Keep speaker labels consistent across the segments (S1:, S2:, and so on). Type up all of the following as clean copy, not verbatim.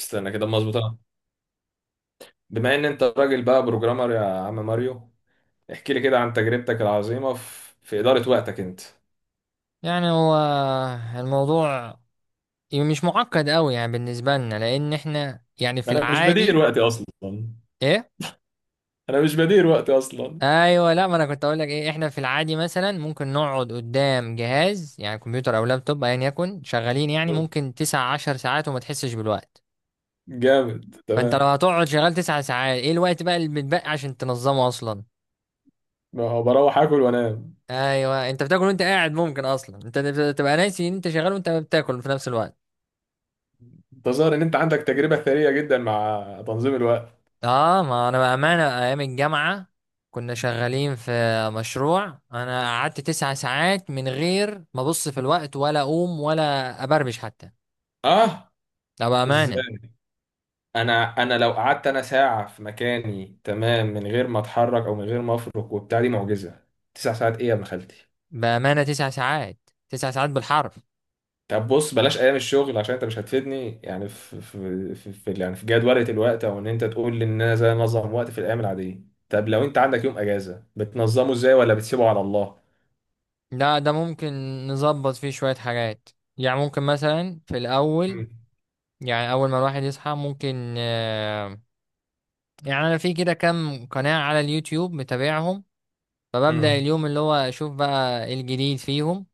S1: استنى كده مظبوطة. بما ان انت راجل بقى بروجرامر يا عم ماريو، احكي لي كده عن تجربتك العظيمة في إدارة وقتك انت.
S2: يعني هو الموضوع مش معقد قوي، يعني بالنسبة لنا، لأن احنا يعني في
S1: انا مش بدير
S2: العادي.
S1: وقتي اصلا.
S2: ايه.
S1: انا مش بدير وقتي اصلا.
S2: ايوه، لا، ما انا كنت اقول لك ايه، احنا في العادي مثلا ممكن نقعد قدام جهاز، يعني كمبيوتر او لابتوب ايا يكن، شغالين يعني ممكن 19 ساعة وما تحسش بالوقت.
S1: جامد،
S2: فانت لو
S1: تمام.
S2: هتقعد شغال 9 ساعات، ايه الوقت بقى اللي بتبقى عشان تنظمه اصلا؟
S1: ما هو بروح اكل وانام.
S2: ايوه، انت بتاكل وانت قاعد، ممكن اصلا انت تبقى ناسي ان انت شغال وانت بتاكل في نفس الوقت.
S1: انت ظاهر ان انت عندك تجربة ثرية جدا مع تنظيم الوقت.
S2: اه، ما انا بامانه ايام الجامعه كنا شغالين في مشروع، انا قعدت 9 ساعات من غير ما ابص في الوقت ولا اقوم ولا ابربش حتى.
S1: اه،
S2: لا بامانه،
S1: ازاي؟ انا لو قعدت انا ساعة في مكاني، تمام، من غير ما اتحرك او من غير ما افرك وبتاع، دي معجزة. تسع ساعات؟ ايه يا ابن خالتي؟
S2: بامانه 9 ساعات، 9 ساعات بالحرف.
S1: طب بص، بلاش ايام الشغل عشان انت مش هتفيدني، يعني في جدولة الوقت، او ان انت تقول لي ان انا ازاي انظم وقت في الايام العادية. طب لو انت عندك يوم اجازة، بتنظمه ازاي ولا بتسيبه على الله؟
S2: لا، ده ممكن نظبط فيه شويه حاجات. يعني ممكن مثلا في الاول،
S1: امم.
S2: يعني اول ما الواحد يصحى ممكن يعني انا في كده كام قناه على اليوتيوب متابعهم، فببدأ
S1: امم.
S2: اليوم اللي هو اشوف بقى إيه الجديد فيهم.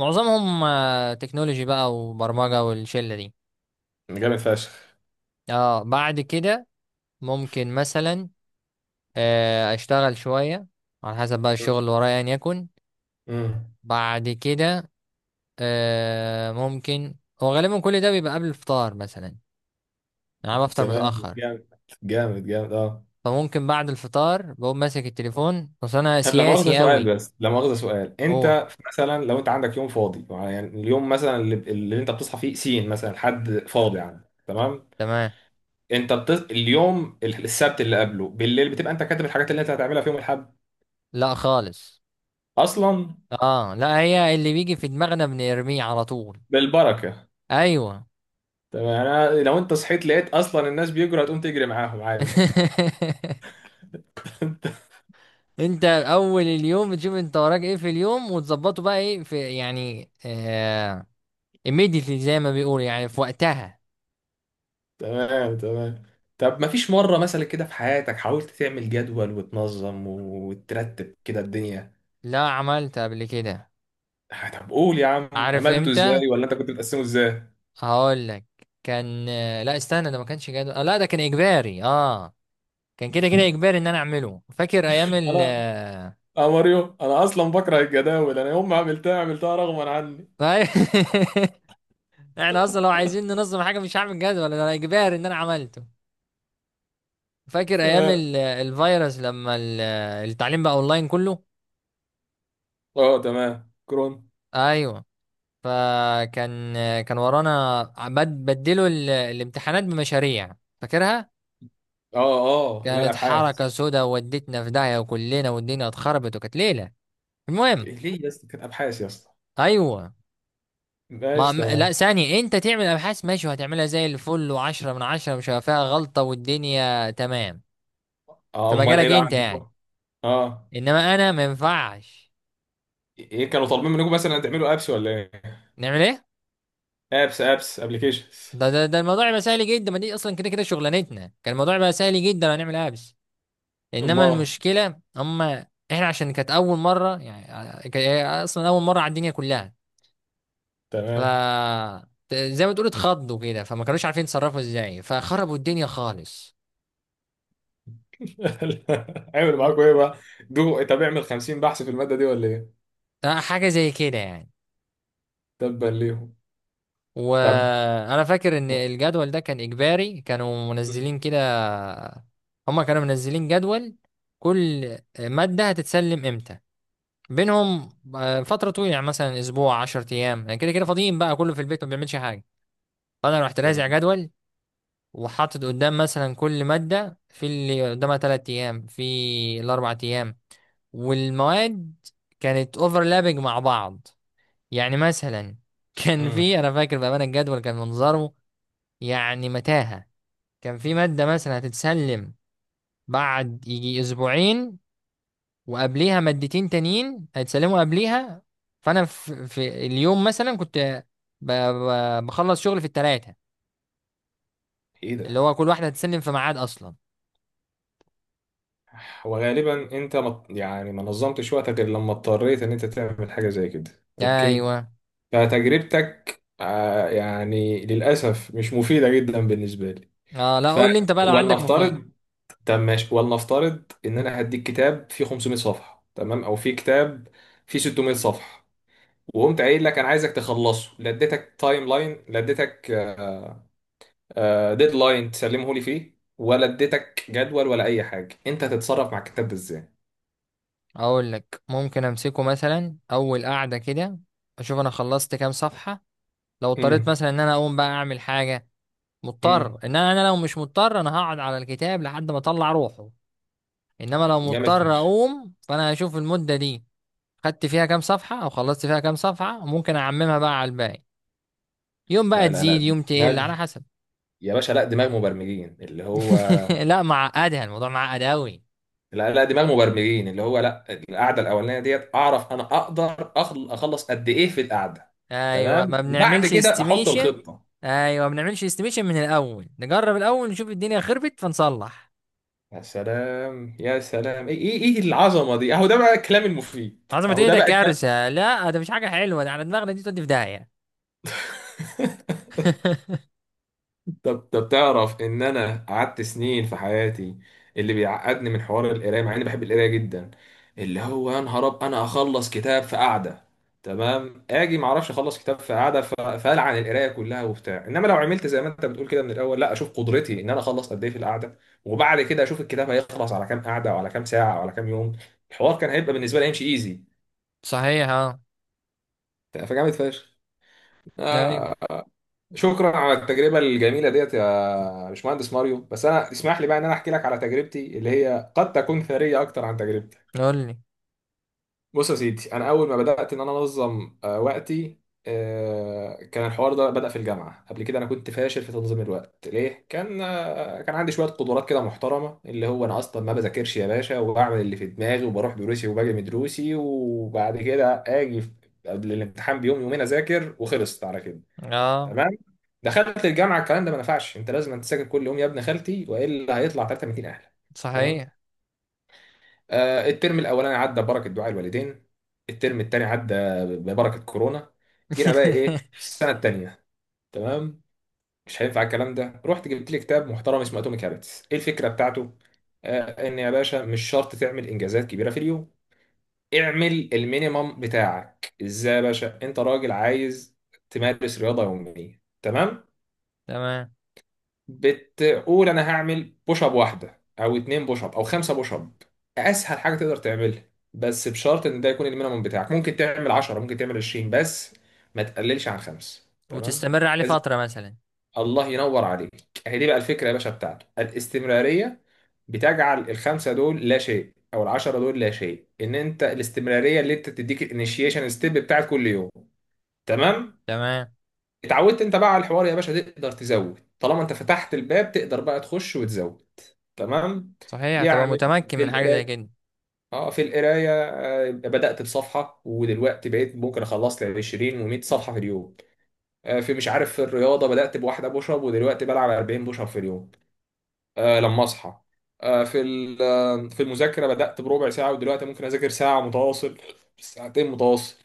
S2: معظمهم تكنولوجي بقى وبرمجة والشلة دي.
S1: جامد فشخ.
S2: اه، بعد كده ممكن مثلا اشتغل شوية على حسب بقى
S1: مم.
S2: الشغل اللي ورايا ان يكن.
S1: مم.
S2: بعد كده ممكن. هو غالبا كل ده بيبقى قبل الفطار مثلا، يعني انا بفطر
S1: تمام،
S2: متأخر.
S1: جامد. جامد جامد اه.
S2: فممكن بعد الفطار بقوم ماسك التليفون، بس انا
S1: طب لا مؤاخذة
S2: سياسي
S1: سؤال،
S2: قوي.
S1: بس لا مؤاخذة سؤال،
S2: هو.
S1: انت مثلا لو انت عندك يوم فاضي، يعني اليوم مثلا اللي انت بتصحى فيه سين، مثلا حد فاضي يعني. تمام.
S2: تمام.
S1: اليوم السبت اللي قبله بالليل، بتبقى انت كاتب الحاجات اللي انت هتعملها في يوم الاحد
S2: لا خالص.
S1: اصلا؟
S2: اه لا، هي اللي بيجي في دماغنا بنرميه على طول.
S1: بالبركه.
S2: ايوه.
S1: تمام، يعني أنا لو انت صحيت لقيت اصلا الناس بيجروا، هتقوم تجري معاهم عادي.
S2: انت اول اليوم بتشوف انت وراك ايه في اليوم وتظبطه بقى ايه في، يعني immediately زي ما بيقول، يعني في وقتها.
S1: تمام، تمام. طب ما فيش مره مثلا كده في حياتك حاولت تعمل جدول وتنظم وترتب كده الدنيا؟
S2: لا، عملت قبل كده.
S1: طب قول يا عم،
S2: عارف
S1: عملته ازاي
S2: امتى؟
S1: ولا انت كنت بتقسمه ازاي؟
S2: هقول لك. كان، لا استنى، ده ما كانش جدول، لا ده كان اجباري. اه، كان كده كده اجباري ان انا اعمله. فاكر ايام ال
S1: انا،
S2: آه،
S1: يا ماريو، انا اصلا بكره الجداول، انا يوم ما عملتها عملتها رغما عني.
S2: احنا اصلا لو عايزين ننظم حاجه مش هعمل جدول، ده اجباري ان انا عملته. فاكر ايام
S1: تمام.
S2: الفيروس، لما التعليم بقى اونلاين كله.
S1: اه تمام، كرون.
S2: ايوه، فكان، كان ورانا، بدلوا الامتحانات بمشاريع، فاكرها.
S1: اه. اه لا،
S2: كانت
S1: الابحاث.
S2: حركة سودا، ودتنا في داهية وكلنا والدنيا اتخربت وكانت ليلة. المهم،
S1: ليه يا اسطى؟ كانت ابحاث يا اسطى؟
S2: ايوه. ما
S1: ماشي
S2: م- لا،
S1: تمام.
S2: ثانية، انت تعمل ابحاث ماشي، وهتعملها زي الفل وعشرة من عشرة مش هيبقى فيها غلطة والدنيا تمام.
S1: اه،
S2: في
S1: امال ايه
S2: مجالك
S1: بقى
S2: انت يعني.
S1: عندكم؟ اه.
S2: انما انا ما ينفعش.
S1: ايه، كانوا طالبين منكم مثلا تعملوا ابس ولا ايه؟
S2: نعمل ايه؟
S1: ابس، ابس، ابلكيشنز.
S2: ده الموضوع يبقى سهل جدا، ما دي اصلا كده كده شغلانتنا، كان الموضوع يبقى سهل جدا، هنعمل ابس. انما
S1: امال.
S2: المشكله، هم احنا عشان كانت اول مره، يعني هي اصلا اول مره على الدنيا كلها. ف،
S1: تمام.
S2: زي ما تقول اتخضوا كده، فما كانوش عارفين يتصرفوا ازاي، فخربوا الدنيا خالص.
S1: عملوا
S2: و...
S1: معاكم ايه بقى؟ دو، طب اعمل 50 بحث في الماده دي ولا ايه؟
S2: حاجه زي كده يعني.
S1: تبا ليهم. طب.
S2: وانا فاكر ان الجدول ده كان اجباري، كانوا منزلين كده. هم كانوا منزلين جدول كل ماده هتتسلم امتى، بينهم فتره طويله، يعني مثلا اسبوع 10 ايام، يعني كده كده فاضيين بقى، كله في البيت ما بيعملش حاجه. فانا رحت رازع
S1: تمام.
S2: جدول، وحاطط قدام مثلا كل مادة في اللي قدامها 3 أيام في الأربع أيام، والمواد كانت اوفرلابنج مع بعض. يعني مثلا كان
S1: امم.
S2: في، أنا فاكر بأمانة الجدول كان منظره يعني متاهة. كان في مادة مثلا هتتسلم بعد يجي أسبوعين، وقبليها مادتين تانيين هيتسلموا قبليها. فأنا في اليوم مثلا كنت بخلص شغل في التلاتة،
S1: ايه
S2: اللي
S1: ده؟
S2: هو كل واحدة هتتسلم في ميعاد أصلا.
S1: وغالبا يعني ما نظمتش وقتك غير لما اضطريت ان انت تعمل حاجه زي كده. اوكي،
S2: أيوه.
S1: فتجربتك يعني للأسف مش مفيدة جدا بالنسبة لي.
S2: اه، لا
S1: ف
S2: قول لي انت بقى لو عندك مفيد.
S1: ولنفترض، طب ماشي، ولنفترض إن أنا هديك كتاب فيه 500 صفحة، تمام، أو فيه كتاب فيه 600 صفحة، وقمت قايل لك أنا عايزك تخلصه، لا اديتك تايم لاين، لا اديتك ديدلاين تسلمه لي فيه، ولا اديتك جدول، ولا أي حاجة، أنت هتتصرف مع الكتاب ده إزاي؟
S2: اقول لك، ممكن امسكه مثلا اول قعده كده، اشوف انا خلصت كام صفحه. لو اضطريت
S1: امم.
S2: مثلا ان انا اقوم بقى اعمل حاجه، مضطر
S1: امم.
S2: ان أنا، لو مش مضطر انا هقعد على الكتاب لحد ما اطلع روحه. انما لو
S1: جامد
S2: مضطر
S1: فشخ.
S2: اقوم فانا هشوف المده دي خدت فيها كام صفحه او خلصت فيها كام صفحه، وممكن اعممها بقى على الباقي، يوم بقى
S1: لا لا
S2: تزيد
S1: لا،
S2: يوم تقل
S1: دماغ،
S2: على حسب.
S1: يا باشا، لا، دماغ مبرمجين اللي هو.
S2: لا، معقدها، الموضوع معقد قوي.
S1: لا لا، دي بقى المبرمجين اللي هو، لا، القعده الاولانيه ديت اعرف انا اقدر اخلص قد ايه في القعده.
S2: ايوه، ما
S1: تمام، وبعد
S2: بنعملش
S1: كده احط
S2: استيميشن.
S1: الخطه.
S2: ايوه، ما بنعملش استيميشن من الاول، نجرب الاول نشوف الدنيا خربت فنصلح.
S1: يا سلام يا سلام، ايه إيه العظمه دي؟ اهو ده بقى الكلام المفيد،
S2: عظمة
S1: اهو
S2: ايه؟
S1: ده
S2: ده
S1: بقى الكلام.
S2: كارثة، لا ده مش حاجة حلوة، ده على دماغنا دي تودي في داهية.
S1: طب طب، تعرف ان انا قعدت سنين في حياتي اللي بيعقدني من حوار القرايه، مع اني بحب القرايه جدا، اللي هو يا نهار اب، انا اخلص كتاب في قعده، تمام؟ اجي ما اعرفش اخلص كتاب في قعده، فالعن القرايه كلها وبتاع، انما لو عملت زي ما انت بتقول كده من الاول، لا اشوف قدرتي ان انا اخلص قد ايه في القعده، وبعد كده اشوف الكتاب هيخلص على كام قعده وعلى كام ساعه وعلى كام يوم، الحوار كان هيبقى بالنسبه لي هيمشي ايزي.
S2: صحيح، اه.
S1: فجامد فشخ.
S2: ايوه،
S1: آه، شكرا على التجربة الجميلة ديت يا باشمهندس ماريو. بس أنا اسمح لي بقى إن أنا أحكي لك على تجربتي اللي هي قد تكون ثرية أكتر عن تجربتك.
S2: قول لي.
S1: بص يا سيدي، أنا أول ما بدأت إن أنا أنظم وقتي، كان الحوار ده بدأ في الجامعة. قبل كده أنا كنت فاشل في تنظيم الوقت. ليه؟ كان كان عندي شوية قدرات كده محترمة، اللي هو أنا أصلا ما بذاكرش يا باشا، وبعمل اللي في دماغي، وبروح دروسي وباجي من دروسي، وبعد كده آجي قبل الامتحان بيوم يومين أذاكر وخلصت على كده.
S2: اه
S1: تمام. دخلت الجامعه، الكلام ده ما نفعش. انت لازم أنت تذاكر كل يوم يا ابن خالتي، والا هيطلع 300 اهلك. تمام.
S2: صحيح.
S1: آه، الترم الاولاني عدى ببركه دعاء الوالدين، الترم الثاني عدى ببركه كورونا. جينا بقى ايه، السنه الثانيه، تمام، مش هينفع الكلام ده. رحت جبت لي كتاب محترم اسمه اتوميك هابتس. ايه الفكره بتاعته؟ آه، ان يا باشا مش شرط تعمل انجازات كبيره في اليوم، اعمل المينيمم بتاعك. ازاي؟ يا باشا انت راجل عايز تمارس رياضه يوميه، تمام،
S2: تمام.
S1: بتقول انا هعمل بوش اب واحده او اتنين بوش اب او خمسه بوش اب، اسهل حاجه تقدر تعملها، بس بشرط ان ده يكون المينيمم بتاعك. ممكن تعمل 10، ممكن تعمل 20، بس ما تقللش عن خمس، تمام؟
S2: وتستمر عليه
S1: كز...
S2: فترة مثلا.
S1: الله ينور عليك. هي دي بقى الفكره يا باشا بتاعته، الاستمراريه، بتجعل الخمسه دول لا شيء او العشرة دول لا شيء، ان انت الاستمراريه اللي انت تديك الانيشيشن ستيب بتاعت كل يوم. تمام.
S2: تمام.
S1: اتعودت انت بقى على الحوار يا باشا، تقدر تزود. طالما انت فتحت الباب تقدر بقى تخش وتزود. تمام،
S2: صحيح، تبقى
S1: يعني
S2: متمكن
S1: في
S2: من حاجة زي
S1: القرايه،
S2: كده.
S1: اه في القرايه، بدات بصفحه ودلوقتي بقيت ممكن اخلص لي 20 و100 صفحه في اليوم. آه، في مش عارف في الرياضه بدات بواحده بوش اب ودلوقتي بلعب 40 بوش اب في اليوم، لما اصحى. آه، في ال- آه، في المذاكره بدات بربع ساعه ودلوقتي ممكن اذاكر ساعه متواصل، ساعتين متواصل.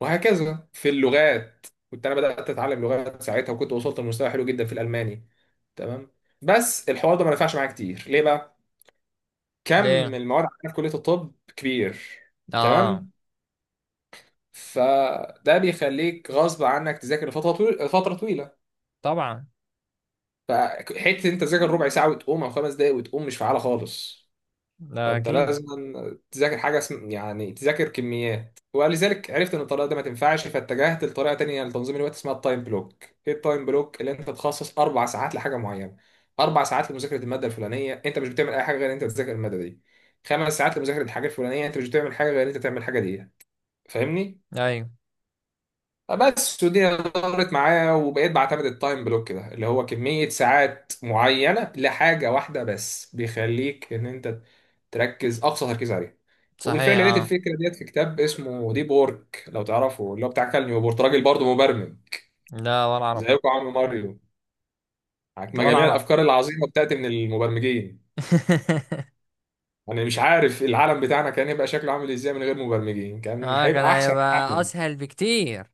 S1: وهكذا في اللغات، كنت انا بدات اتعلم لغات ساعتها وكنت وصلت لمستوى حلو جدا في الالماني. تمام. بس الحوار ده ما نفعش معايا كتير. ليه بقى؟ كم
S2: ليه؟
S1: المواد عندنا في كلية الطب كبير.
S2: اه.
S1: تمام. فده بيخليك غصب عنك تذاكر لفترة طويلة، فترة طويلة.
S2: طبعا.
S1: فحتة انت تذاكر ربع ساعة وتقوم، او خمس دقايق وتقوم، مش فعالة خالص.
S2: ده
S1: فانت
S2: اكيد.
S1: لازم تذاكر حاجه اسم يعني، تذاكر كميات. ولذلك عرفت ان الطريقه دي ما تنفعش، فاتجهت لطريقه تانية لتنظيم الوقت اسمها التايم بلوك. ايه التايم بلوك؟ اللي انت تخصص اربع ساعات لحاجه معينه، اربع ساعات لمذاكره الماده الفلانيه، انت مش بتعمل اي حاجه غير ان انت تذاكر الماده دي. خمس ساعات لمذاكره الحاجه الفلانيه، انت مش بتعمل حاجه غير ان انت تعمل الحاجه دي. فاهمني؟
S2: ايوه
S1: بس ودي دارت معايا، وبقيت بعتمد التايم بلوك ده، اللي هو كمية ساعات معينة لحاجة واحدة بس، بيخليك ان انت تركز اقصى تركيز عليها. وبالفعل
S2: صحيح.
S1: لقيت
S2: اه.
S1: الفكره ديت في كتاب اسمه ديب وورك، لو تعرفه، اللي هو بتاع كال نيوبورت، راجل برضه مبرمج
S2: لا ولا اعرف.
S1: زيكم عم ماريو، مع
S2: ولا
S1: جميع
S2: اعرف.
S1: الافكار العظيمه بتاعت من المبرمجين. انا مش عارف العالم بتاعنا كان هيبقى شكله عامل ازاي من غير مبرمجين، كان
S2: اه، كان
S1: هيبقى احسن
S2: هيبقى
S1: حالا،
S2: اسهل بكتير.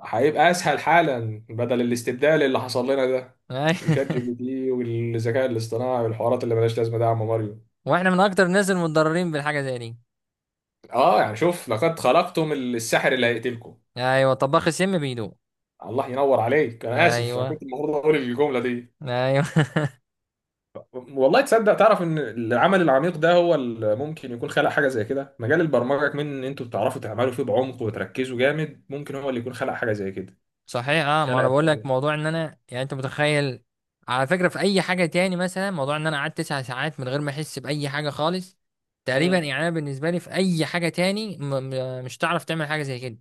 S1: هيبقى اسهل حالا، بدل الاستبدال اللي حصل لنا ده،
S2: أي-
S1: وشات جي بي تي والذكاء الاصطناعي والحوارات اللي ملهاش لازمه ده، يا عم ماريو.
S2: واحنا من اكتر الناس المتضررين بالحاجه زي دي.
S1: اه، يعني شوف، لقد خلقتم الساحر اللي هيقتلكم.
S2: ايوه، طباخ السم بيدوق.
S1: الله ينور عليك، انا اسف، انا
S2: ايوه.
S1: كنت المفروض اقول الجمله دي.
S2: ايوه.
S1: والله تصدق، تعرف ان العمل العميق ده هو اللي ممكن يكون خلق حاجه زي كده؟ مجال البرمجه كمان، ان انتوا بتعرفوا تعملوا فيه بعمق وتركزوا جامد، ممكن هو اللي يكون خلق حاجه زي كده،
S2: صحيح، اه، ما
S1: خلق
S2: انا بقول لك
S1: الفكرة.
S2: موضوع ان انا، يعني انت متخيل، على فكره، في اي حاجه تاني مثلا، موضوع ان انا قعدت تسع ساعات من غير ما احس باي حاجه خالص تقريبا.
S1: امم.
S2: يعني انا بالنسبه لي في اي حاجه تاني م م مش هتعرف تعمل حاجه زي كده.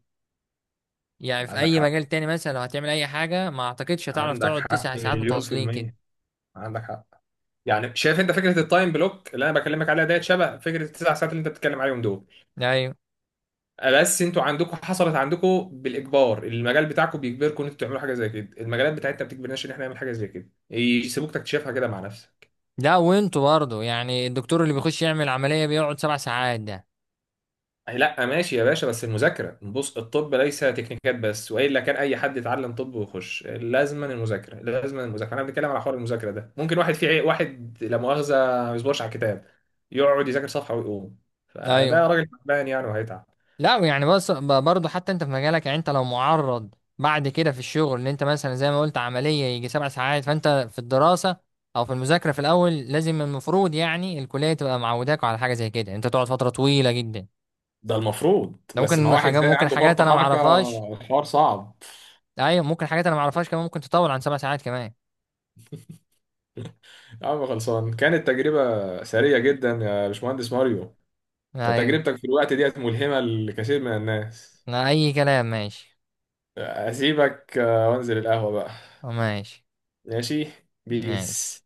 S2: يعني في
S1: عندك
S2: اي
S1: حق،
S2: مجال تاني مثلا لو هتعمل اي حاجه، ما اعتقدش هتعرف
S1: عندك
S2: تقعد تسع
S1: حق
S2: ساعات
S1: مليون في
S2: متواصلين كده.
S1: المية، عندك حق. يعني شايف انت فكره التايم بلوك اللي انا بكلمك عليها ديت شبه فكره التسع ساعات اللي انت بتتكلم عليهم دول؟
S2: ايوه.
S1: بس انتوا عندكم حصلت عندكم بالاجبار، المجال بتاعكم بيجبركم ان انتوا تعملوا حاجه زي كده، المجالات بتاعتنا ما بتجبرناش ان احنا نعمل حاجه زي كده، يسيبوك تكتشفها كده مع نفسك.
S2: لا، وانتوا برضه يعني الدكتور اللي بيخش يعمل عملية بيقعد 7 ساعات ده.
S1: أي، لا ماشي يا باشا، بس المذاكره، بص الطب ليس تكنيكات بس، والا كان اي حد يتعلم طب ويخش، لازما المذاكره، لازما المذاكره. انا بنتكلم على حوار المذاكره ده، ممكن واحد واحد لا مؤاخذه ما بيصبرش على الكتاب، يقعد يذاكر صفحه ويقوم،
S2: ايوه.
S1: فده راجل تعبان يعني وهيتعب.
S2: لا يعني بس برضه، حتى انت في مجالك، يعني انت لو معرض بعد كده في الشغل ان انت مثلا زي ما قلت عملية يجي 7 ساعات، فانت في الدراسة او في المذاكرة في الاول لازم، المفروض يعني الكلية تبقى معوداك على حاجة زي كده، انت تقعد فترة طويلة جدا.
S1: ده المفروض،
S2: ده
S1: بس مع
S2: ممكن
S1: واحد
S2: حاجة،
S1: زي
S2: ممكن
S1: عنده
S2: حاجات
S1: فرط
S2: انا ما
S1: حركه،
S2: اعرفهاش.
S1: الحوار صعب.
S2: ايوه، ممكن حاجات انا ما اعرفهاش كمان، ممكن تطول عن 7 ساعات كمان.
S1: يا عم خلصان، كانت تجربة سرية جدا يا باشمهندس ماريو، انت
S2: ايوه.
S1: تجربتك في الوقت ديت ملهمة لكثير من الناس.
S2: لا اي كلام، ماشي.
S1: اسيبك وانزل القهوة بقى.
S2: ماشي.
S1: ماشي.
S2: ماشي.
S1: بيس.